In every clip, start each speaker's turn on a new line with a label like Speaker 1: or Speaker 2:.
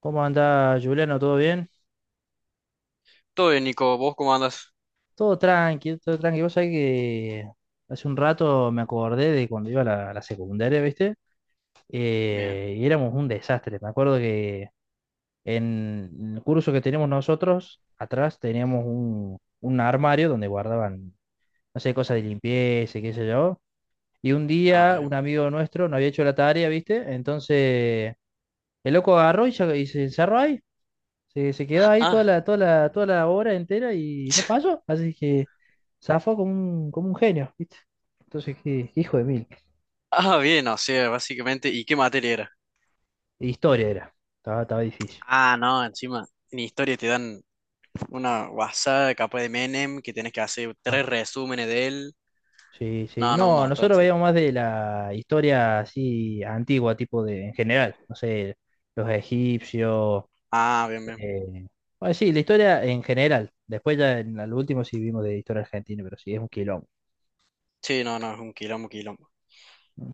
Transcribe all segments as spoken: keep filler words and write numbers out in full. Speaker 1: ¿Cómo anda Juliano? ¿Todo bien?
Speaker 2: Todo bien, Nico. ¿Vos cómo andas?
Speaker 1: Todo tranqui, todo tranqui. Vos sabés que hace un rato me acordé de cuando iba a la, a la secundaria, ¿viste?
Speaker 2: Bien.
Speaker 1: Eh, y éramos un desastre. Me acuerdo que en el curso que teníamos nosotros, atrás teníamos un, un armario donde guardaban, no sé, cosas de limpieza, y qué sé yo. Y un
Speaker 2: Ah,
Speaker 1: día
Speaker 2: bien.
Speaker 1: un amigo nuestro no había hecho la tarea, ¿viste? Entonces el loco agarró y, se- y se encerró ahí. Se, se quedó ahí toda
Speaker 2: Ah,
Speaker 1: la, toda la, toda la hora entera y no pasó. Así que zafó como un, como un genio, ¿viste? Entonces, qué hijo de mil.
Speaker 2: ah, bien, o sea, básicamente. ¿Y qué materia era?
Speaker 1: Historia era. Estaba, estaba difícil.
Speaker 2: Ah, no, encima. En historia te dan una WhatsApp capaz de Menem que tenés que hacer tres
Speaker 1: Ah,
Speaker 2: resúmenes de él.
Speaker 1: sí, sí.
Speaker 2: No, no, un
Speaker 1: No,
Speaker 2: montón,
Speaker 1: nosotros
Speaker 2: sí.
Speaker 1: veíamos más de la historia así antigua, tipo de, en general. No sé, los egipcios.
Speaker 2: Ah, bien, bien.
Speaker 1: eh, bueno, sí, la historia en general. Después ya en el último sí vimos de historia argentina, pero sí, es un quilombo.
Speaker 2: Sí, no, no, es un quilombo, quilombo.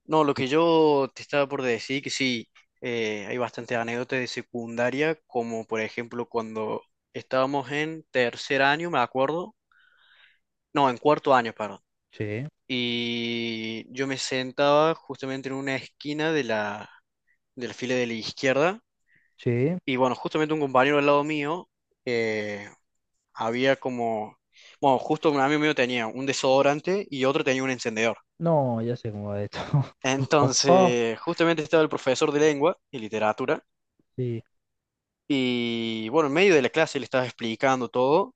Speaker 2: No, lo que yo te estaba por decir, que sí, eh, hay bastantes anécdotas de secundaria, como por ejemplo cuando estábamos en tercer año, me acuerdo. No, en cuarto año, perdón.
Speaker 1: Sí,
Speaker 2: Y yo me sentaba justamente en una esquina de la, de la fila de la izquierda.
Speaker 1: sí.
Speaker 2: Y bueno, justamente un compañero al lado mío eh, había como, bueno, justo un amigo mío tenía un desodorante y otro tenía un encendedor.
Speaker 1: No, ya sé cómo va esto. Oh, oh,
Speaker 2: Entonces, justamente estaba el profesor de lengua y literatura.
Speaker 1: sí.
Speaker 2: Y bueno, en medio de la clase le estaba explicando todo.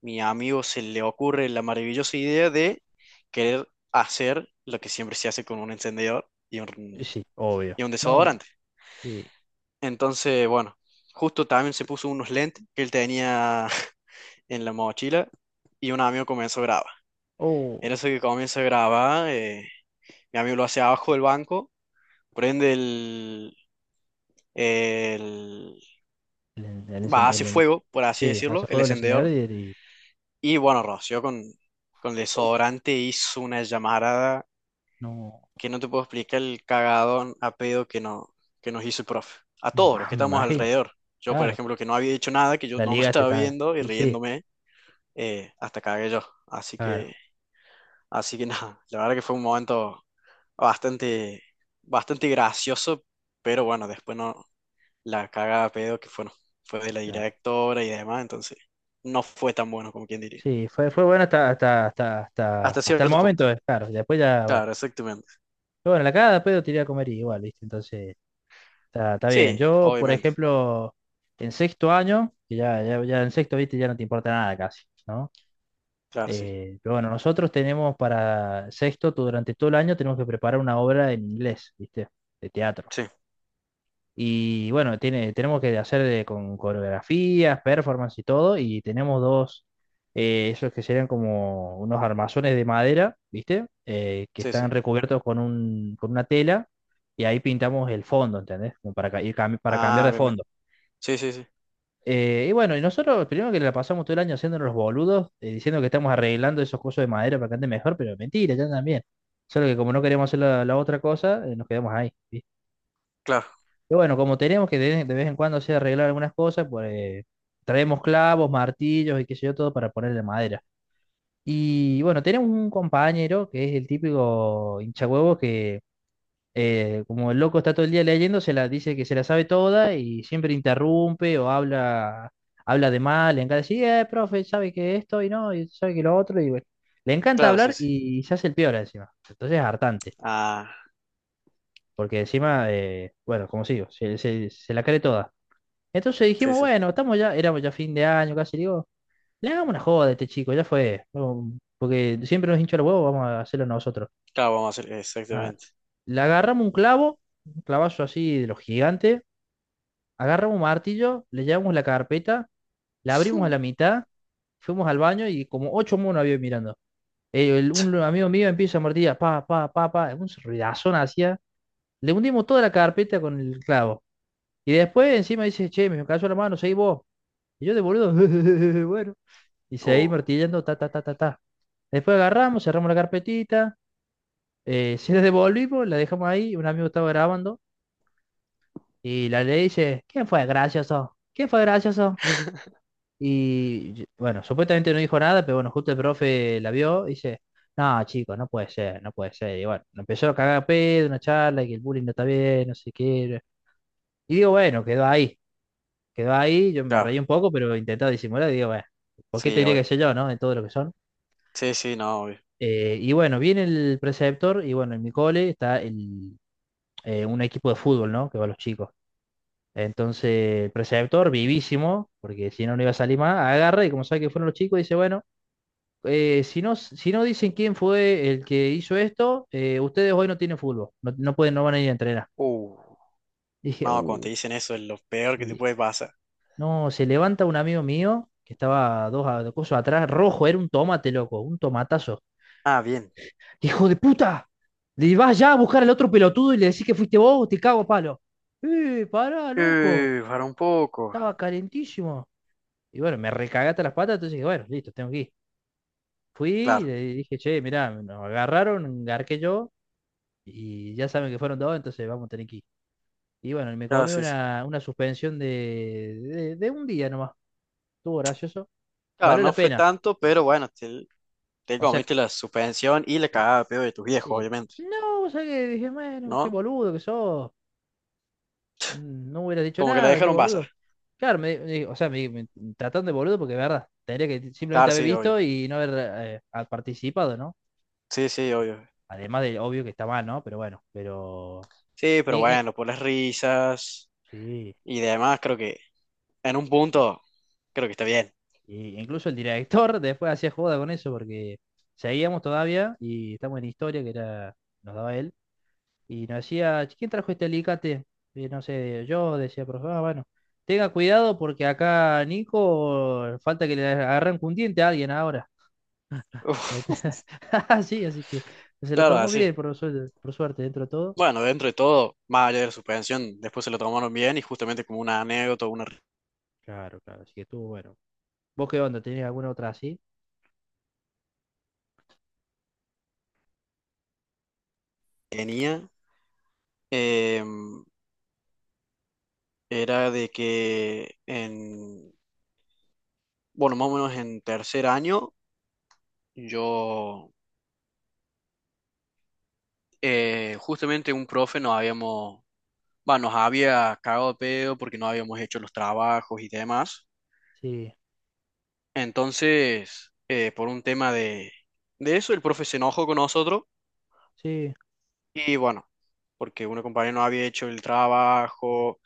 Speaker 2: Mi amigo se le ocurre la maravillosa idea de querer hacer lo que siempre se hace con un encendedor y un,
Speaker 1: Sí, obvio.
Speaker 2: y un
Speaker 1: No,
Speaker 2: desodorante.
Speaker 1: sí.
Speaker 2: Entonces, bueno, justo también se puso unos lentes que él tenía en la mochila y un amigo comenzó a grabar.
Speaker 1: Oh,
Speaker 2: En eso que comienza a grabar, eh, mi amigo lo hace abajo del banco, prende el, el-
Speaker 1: el, en- el
Speaker 2: va,
Speaker 1: encen-
Speaker 2: hace
Speaker 1: el en-
Speaker 2: fuego, por así
Speaker 1: sí,
Speaker 2: decirlo,
Speaker 1: hace
Speaker 2: el
Speaker 1: fuego el encendedor
Speaker 2: encendedor.
Speaker 1: y, y-
Speaker 2: Y bueno, roció con, con
Speaker 1: oh,
Speaker 2: desodorante, hizo una llamarada
Speaker 1: no,
Speaker 2: que no te puedo explicar el cagadón a pedo que, no, que nos hizo el profe a
Speaker 1: me,
Speaker 2: todos los
Speaker 1: ima-
Speaker 2: que
Speaker 1: me
Speaker 2: estamos
Speaker 1: imagino.
Speaker 2: alrededor. Yo, por
Speaker 1: Claro,
Speaker 2: ejemplo, que no había dicho nada, que yo
Speaker 1: la
Speaker 2: no me
Speaker 1: ligaste
Speaker 2: estaba
Speaker 1: también.
Speaker 2: viendo y
Speaker 1: Sí, sí,
Speaker 2: riéndome. eh, hasta cagué yo. Así
Speaker 1: claro,
Speaker 2: que, así que nada, la verdad que fue un momento bastante, bastante gracioso, pero bueno, después no, la cagada de pedo que fue, no fue de la
Speaker 1: claro.
Speaker 2: directora y demás, entonces no fue tan bueno como quien diría.
Speaker 1: Sí, fue, fue bueno hasta, hasta, hasta, hasta,
Speaker 2: Hasta
Speaker 1: hasta el
Speaker 2: cierto punto.
Speaker 1: momento, eh, claro. Y después ya, bueno.
Speaker 2: Claro, exactamente.
Speaker 1: Pero bueno, la cagada después lo tiré a comer igual, ¿viste? Entonces, está, está bien.
Speaker 2: Sí,
Speaker 1: Yo, por
Speaker 2: obviamente.
Speaker 1: ejemplo, en sexto año, que ya, ya, ya en sexto, ¿viste? Ya no te importa nada casi, ¿no?
Speaker 2: Claro, sí.
Speaker 1: Eh, pero bueno, nosotros tenemos para sexto, tú durante todo el año tenemos que preparar una obra en inglés, ¿viste? De teatro.
Speaker 2: Sí,
Speaker 1: Y bueno, tiene, tenemos que hacer de- con coreografías, performance y todo, y tenemos dos, eh, esos que serían como unos armazones de madera, ¿viste? Eh, que
Speaker 2: sí, sí.
Speaker 1: están recubiertos con un, con una tela, y ahí pintamos el fondo, ¿entendés? Como para, ca- ir cam- para cambiar
Speaker 2: Ah,
Speaker 1: de
Speaker 2: bien, bien.
Speaker 1: fondo.
Speaker 2: Sí, sí, sí.
Speaker 1: Eh, y bueno, y nosotros primero que la pasamos todo el año haciéndonos los boludos, eh, diciendo que estamos arreglando esos cosas de madera para que ande mejor, pero mentira, ya también. Solo que como no queríamos hacer la, la otra cosa, eh, nos quedamos ahí. ¿Sí?
Speaker 2: Claro,
Speaker 1: Y bueno, como tenemos que de, de vez en cuando hacer arreglar algunas cosas, pues eh, traemos clavos, martillos y qué sé yo, todo para ponerle madera. Y bueno, tenemos un compañero que es el típico hinchahuevo que eh, como el loco está todo el día leyendo, se la dice que se la sabe toda y siempre interrumpe o habla, habla de mal, le encanta decir, eh, profe, sabe que esto y no, y sabe que lo otro, y bueno, le encanta
Speaker 2: claro, sí,
Speaker 1: hablar
Speaker 2: sí.
Speaker 1: y se hace el peor encima. Entonces es hartante,
Speaker 2: Ah,
Speaker 1: porque encima, eh, bueno, como sigo, se, se- se la cree toda. Entonces
Speaker 2: sí,
Speaker 1: dijimos,
Speaker 2: sí.
Speaker 1: bueno, estamos ya, éramos ya fin de año casi, digo, le hagamos una joda a este chico, ya fue, no, porque siempre nos hincha los huevos, vamos a hacerlo nosotros.
Speaker 2: Claro, vamos a hacer
Speaker 1: Ah,
Speaker 2: exactamente.
Speaker 1: le agarramos un clavo, un clavazo así de los gigantes, agarramos un martillo, le llevamos la carpeta, la abrimos a la mitad, fuimos al baño y como ocho monos había mirando. Eh, el- un amigo mío empieza a martillar, pa, pa, pa, pa, un ruidazón hacía. Le hundimos toda la carpeta con el clavo. Y después encima dice, che, me cayó la mano, seguí vos. Y yo de boludo, bueno. Y seguí
Speaker 2: Uh,
Speaker 1: martillando, ta, ta, ta, ta, ta. Después agarramos, cerramos la carpetita, eh, se la devolvimos, la dejamos ahí, un amigo estaba grabando. Y la ley dice, ¿quién fue gracioso? ¿Quién fue gracioso? Y yo, bueno, supuestamente no dijo nada, pero bueno, justo el profe la vio y dice, no, chicos, no puede ser, no puede ser. Y bueno, lo empezó a cagar a pedo, una charla, y que el bullying no está bien, no sé qué. Y digo, bueno, quedó ahí, quedó ahí, yo me
Speaker 2: claro,
Speaker 1: reí un poco, pero intentaba disimular y digo, bueno, ¿por qué
Speaker 2: sí,
Speaker 1: tendría que
Speaker 2: obvio.
Speaker 1: ser yo, no? De todo lo que son.
Speaker 2: Sí, sí, no, obvio.
Speaker 1: Eh, y bueno, viene el preceptor y bueno, en mi cole está el, eh, un equipo de fútbol, ¿no? Que va a los chicos. Entonces, el preceptor, vivísimo, porque si no, no iba a salir más, agarra y como sabe que fueron los chicos, dice, bueno. eh, si no, si no dicen quién fue el que hizo esto, eh, ustedes hoy no tienen fútbol, no, no pueden, no van a ir a entrenar.
Speaker 2: Uh,
Speaker 1: Dije,
Speaker 2: no, cuando
Speaker 1: uh,
Speaker 2: te dicen eso es lo peor que te
Speaker 1: sí.
Speaker 2: puede pasar.
Speaker 1: No, se levanta un amigo mío que estaba dos, a- dos cosas atrás, rojo, era un tomate, loco, un tomatazo.
Speaker 2: Ah, bien.
Speaker 1: ¡Hijo de puta! Le vas ya a buscar al otro pelotudo y le decís que fuiste vos, te cago a palo. ¡Eh, pará, loco!
Speaker 2: Eh, para un poco.
Speaker 1: Estaba calentísimo. Y bueno, me recagaste las patas, entonces dije, bueno, listo, tengo que ir. Fui y
Speaker 2: Claro,
Speaker 1: le dije, che, mirá, nos agarraron, garqué yo y ya saben que fueron dos, entonces vamos a tener que ir. Y bueno, y me
Speaker 2: claro,
Speaker 1: comí
Speaker 2: sí, sí.
Speaker 1: una, una suspensión de, de, de un día nomás. Estuvo gracioso.
Speaker 2: Claro,
Speaker 1: Valió la
Speaker 2: no fue
Speaker 1: pena.
Speaker 2: tanto, pero bueno, te, te,
Speaker 1: O sea,
Speaker 2: comiste la suspensión y la
Speaker 1: la-
Speaker 2: cagada de pedo de tus viejos,
Speaker 1: sí.
Speaker 2: obviamente,
Speaker 1: No, o sea que dije, bueno, qué
Speaker 2: ¿no?
Speaker 1: boludo que sos. Mm, no hubieras dicho
Speaker 2: Como que la
Speaker 1: nada, qué
Speaker 2: dejaron pasar.
Speaker 1: boludo. Claro, me, me- o sea, me, me trataron de boludo porque, de verdad, tendría que simplemente
Speaker 2: Claro,
Speaker 1: haber
Speaker 2: sí, obvio.
Speaker 1: visto y no haber eh, ha participado, ¿no?
Speaker 2: Sí, sí, obvio.
Speaker 1: Además de, obvio que está mal, ¿no? Pero bueno, pero...
Speaker 2: Sí,
Speaker 1: y-
Speaker 2: pero
Speaker 1: y-
Speaker 2: bueno, por las risas
Speaker 1: sí.
Speaker 2: y demás, creo que en un punto, creo que está bien.
Speaker 1: Y incluso el director después hacía joda con eso porque seguíamos todavía y estamos en historia que era, nos daba él. Y nos decía, "Che, ¿quién trajo este alicate?". Y no sé, yo decía, profe. "Ah, bueno, tenga cuidado porque acá Nico falta que le arranque un diente a alguien ahora".
Speaker 2: Uf,
Speaker 1: Sí, así que se lo
Speaker 2: claro,
Speaker 1: tomó
Speaker 2: así.
Speaker 1: bien, por suerte, por suerte, dentro de todo.
Speaker 2: Bueno, dentro de todo, más allá de la suspensión, después se lo tomaron bien y justamente como una anécdota, una
Speaker 1: Claro, claro, así que estuvo bueno. ¿Vos qué onda? ¿Tenés alguna otra así?
Speaker 2: tenía. em, era de que en, bueno, más o menos en tercer año, yo, eh, justamente un profe nos habíamos, va, nos había cagado de pedo porque no habíamos hecho los trabajos y demás.
Speaker 1: Sí,
Speaker 2: Entonces, eh, por un tema de, de, eso, el profe se enojó con nosotros
Speaker 1: sí,
Speaker 2: y bueno, porque una compañera no había hecho el trabajo,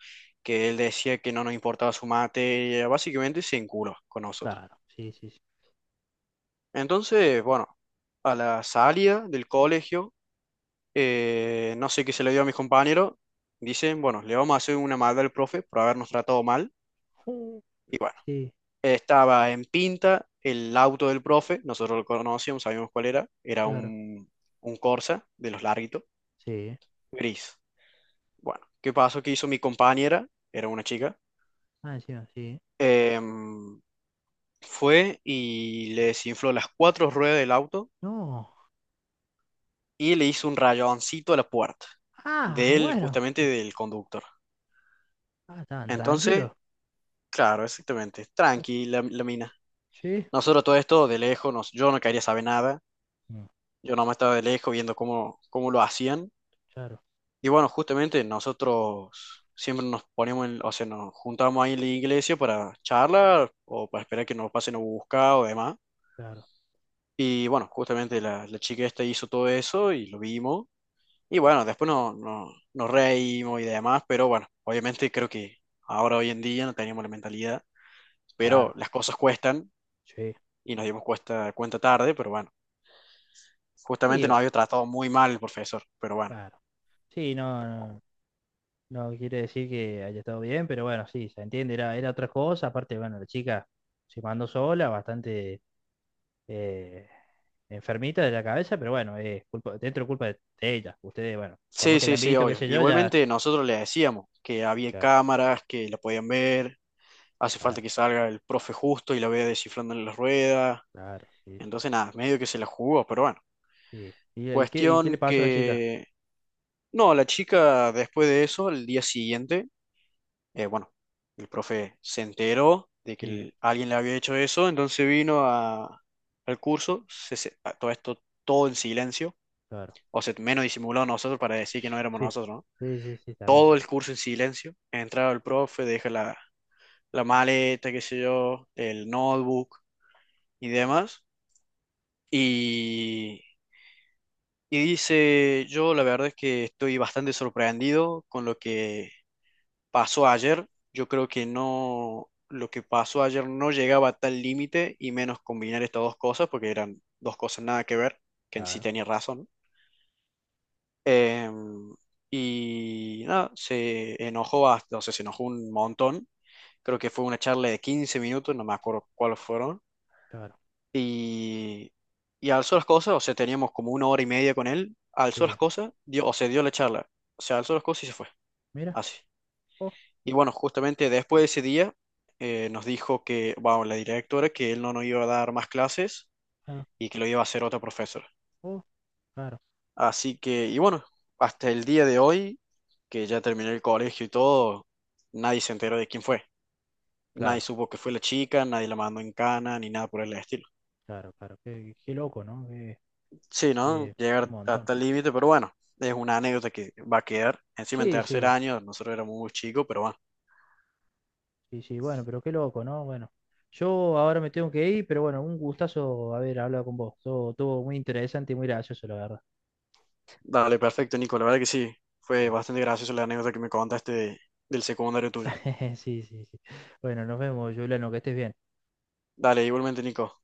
Speaker 2: que él decía que no nos importaba su materia, básicamente se enculó con nosotros.
Speaker 1: claro, sí, sí, sí.
Speaker 2: Entonces, bueno, a la salida del colegio, eh, no sé qué se le dio a mis compañeros, dicen, bueno, le vamos a hacer una maldad al profe por habernos tratado mal.
Speaker 1: Uh,
Speaker 2: Y bueno,
Speaker 1: sí,
Speaker 2: estaba en pinta el auto del profe, nosotros lo conocíamos, sabíamos cuál era, era
Speaker 1: claro,
Speaker 2: un, un, Corsa de los larguitos,
Speaker 1: sí.
Speaker 2: gris. Bueno, ¿qué pasó? ¿Qué hizo mi compañera? Era una chica.
Speaker 1: Ah, encima, sí.
Speaker 2: em, fue y le desinfló las cuatro ruedas del auto
Speaker 1: No.
Speaker 2: y le hizo un rayoncito a la puerta
Speaker 1: Ah,
Speaker 2: del,
Speaker 1: bueno.
Speaker 2: justamente del conductor.
Speaker 1: Ah, estaban
Speaker 2: Entonces,
Speaker 1: tranquilos.
Speaker 2: claro, exactamente,
Speaker 1: Uh,
Speaker 2: tranqui la, la, mina.
Speaker 1: sí.
Speaker 2: Nosotros todo esto de lejos, nos- yo no quería saber nada,
Speaker 1: Mm,
Speaker 2: yo nomás estaba de lejos viendo cómo, cómo lo hacían.
Speaker 1: claro,
Speaker 2: Y bueno, justamente nosotros siempre nos poníamos, en- o sea, nos juntábamos ahí en la iglesia para charlar o para esperar que nos pasen a buscar o demás.
Speaker 1: claro,
Speaker 2: Y bueno, justamente la, la chica esta hizo todo eso y lo vimos. Y bueno, después no, no, nos reímos y demás, pero bueno, obviamente creo que ahora hoy en día no teníamos la mentalidad, pero
Speaker 1: claro.
Speaker 2: las cosas cuestan
Speaker 1: Sí.
Speaker 2: y nos dimos cuesta- cuenta tarde, pero bueno,
Speaker 1: Sí,
Speaker 2: justamente
Speaker 1: bu-
Speaker 2: nos había tratado muy mal el profesor, pero bueno.
Speaker 1: claro. Sí, no, no, no quiere decir que haya estado bien, pero bueno, sí, se entiende, era, era otra cosa. Aparte, bueno, la chica se mandó sola, bastante eh, enfermita de la cabeza, pero bueno, es culpa, dentro culpa de de ella. Ustedes, bueno, por
Speaker 2: Sí,
Speaker 1: más que
Speaker 2: sí,
Speaker 1: hayan
Speaker 2: sí,
Speaker 1: visto, qué
Speaker 2: obvio.
Speaker 1: sé yo, ya.
Speaker 2: Igualmente nosotros le decíamos que había
Speaker 1: Claro,
Speaker 2: cámaras, que la podían ver, hace falta
Speaker 1: claro,
Speaker 2: que salga el profe justo y la vea descifrando en las ruedas,
Speaker 1: claro, sí, sí,
Speaker 2: entonces
Speaker 1: sí.
Speaker 2: nada, medio que se la jugó, pero bueno.
Speaker 1: Sí. ¿Y, y qué, y qué le
Speaker 2: Cuestión
Speaker 1: pasó a la chica?
Speaker 2: que, no, la chica después de eso, el día siguiente, eh, bueno, el profe se enteró de que
Speaker 1: Sí,
Speaker 2: el- alguien le había hecho eso, entonces vino a- al curso, se- se- a todo esto, todo en silencio,
Speaker 1: claro.
Speaker 2: o sea, menos disimulado nosotros para decir que no éramos
Speaker 1: Sí,
Speaker 2: nosotros, ¿no?
Speaker 1: sí, sí, sí, está bien.
Speaker 2: Todo el curso en silencio, entraba el profe, deja la, la maleta, qué sé yo, el notebook y demás. Y dice, yo la verdad es que estoy bastante sorprendido con lo que pasó ayer. Yo creo que no, lo que pasó ayer no llegaba a tal límite y menos combinar estas dos cosas porque eran dos cosas nada que ver, que en sí
Speaker 1: Claro,
Speaker 2: tenía razón. Em, y nada, se enojó hasta, o sea, se enojó un montón. Creo que fue una charla de quince minutos, no me acuerdo cuáles fueron.
Speaker 1: claro.
Speaker 2: Y, y alzó las cosas, o sea, teníamos como una hora y media con él, alzó las
Speaker 1: Sí,
Speaker 2: cosas, dio, o sea, dio la charla, o sea, alzó las cosas y se fue,
Speaker 1: mira.
Speaker 2: así.
Speaker 1: Oh,
Speaker 2: Y bueno, justamente después de ese día eh, nos dijo que, bueno, la directora, que él no nos iba a dar más clases
Speaker 1: claro,
Speaker 2: y que lo iba a hacer otra profesora.
Speaker 1: oh, claro,
Speaker 2: Así que, y bueno, hasta el día de hoy, que ya terminé el colegio y todo, nadie se enteró de quién fue. Nadie
Speaker 1: claro,
Speaker 2: supo que fue la chica, nadie la mandó en cana, ni nada por el estilo.
Speaker 1: claro, claro. Qué, qué loco, ¿no? Qué,
Speaker 2: Sí, ¿no?
Speaker 1: qué-
Speaker 2: Llegar
Speaker 1: un montón.
Speaker 2: hasta el límite, pero bueno, es una anécdota que va a quedar. Encima en
Speaker 1: Sí,
Speaker 2: tercer
Speaker 1: sí,
Speaker 2: año, nosotros éramos muy chicos, pero bueno.
Speaker 1: sí, sí, bueno, pero qué loco, ¿no? Bueno, yo ahora me tengo que ir, pero bueno, un gustazo haber hablado con vos. Todo, todo muy interesante y muy gracioso, la verdad.
Speaker 2: Dale, perfecto, Nico. La verdad que sí, fue bastante gracioso la anécdota que me contaste de- del secundario tuyo.
Speaker 1: Sí, sí, sí. Bueno, nos vemos, Juliano, que estés bien.
Speaker 2: Dale, igualmente, Nico.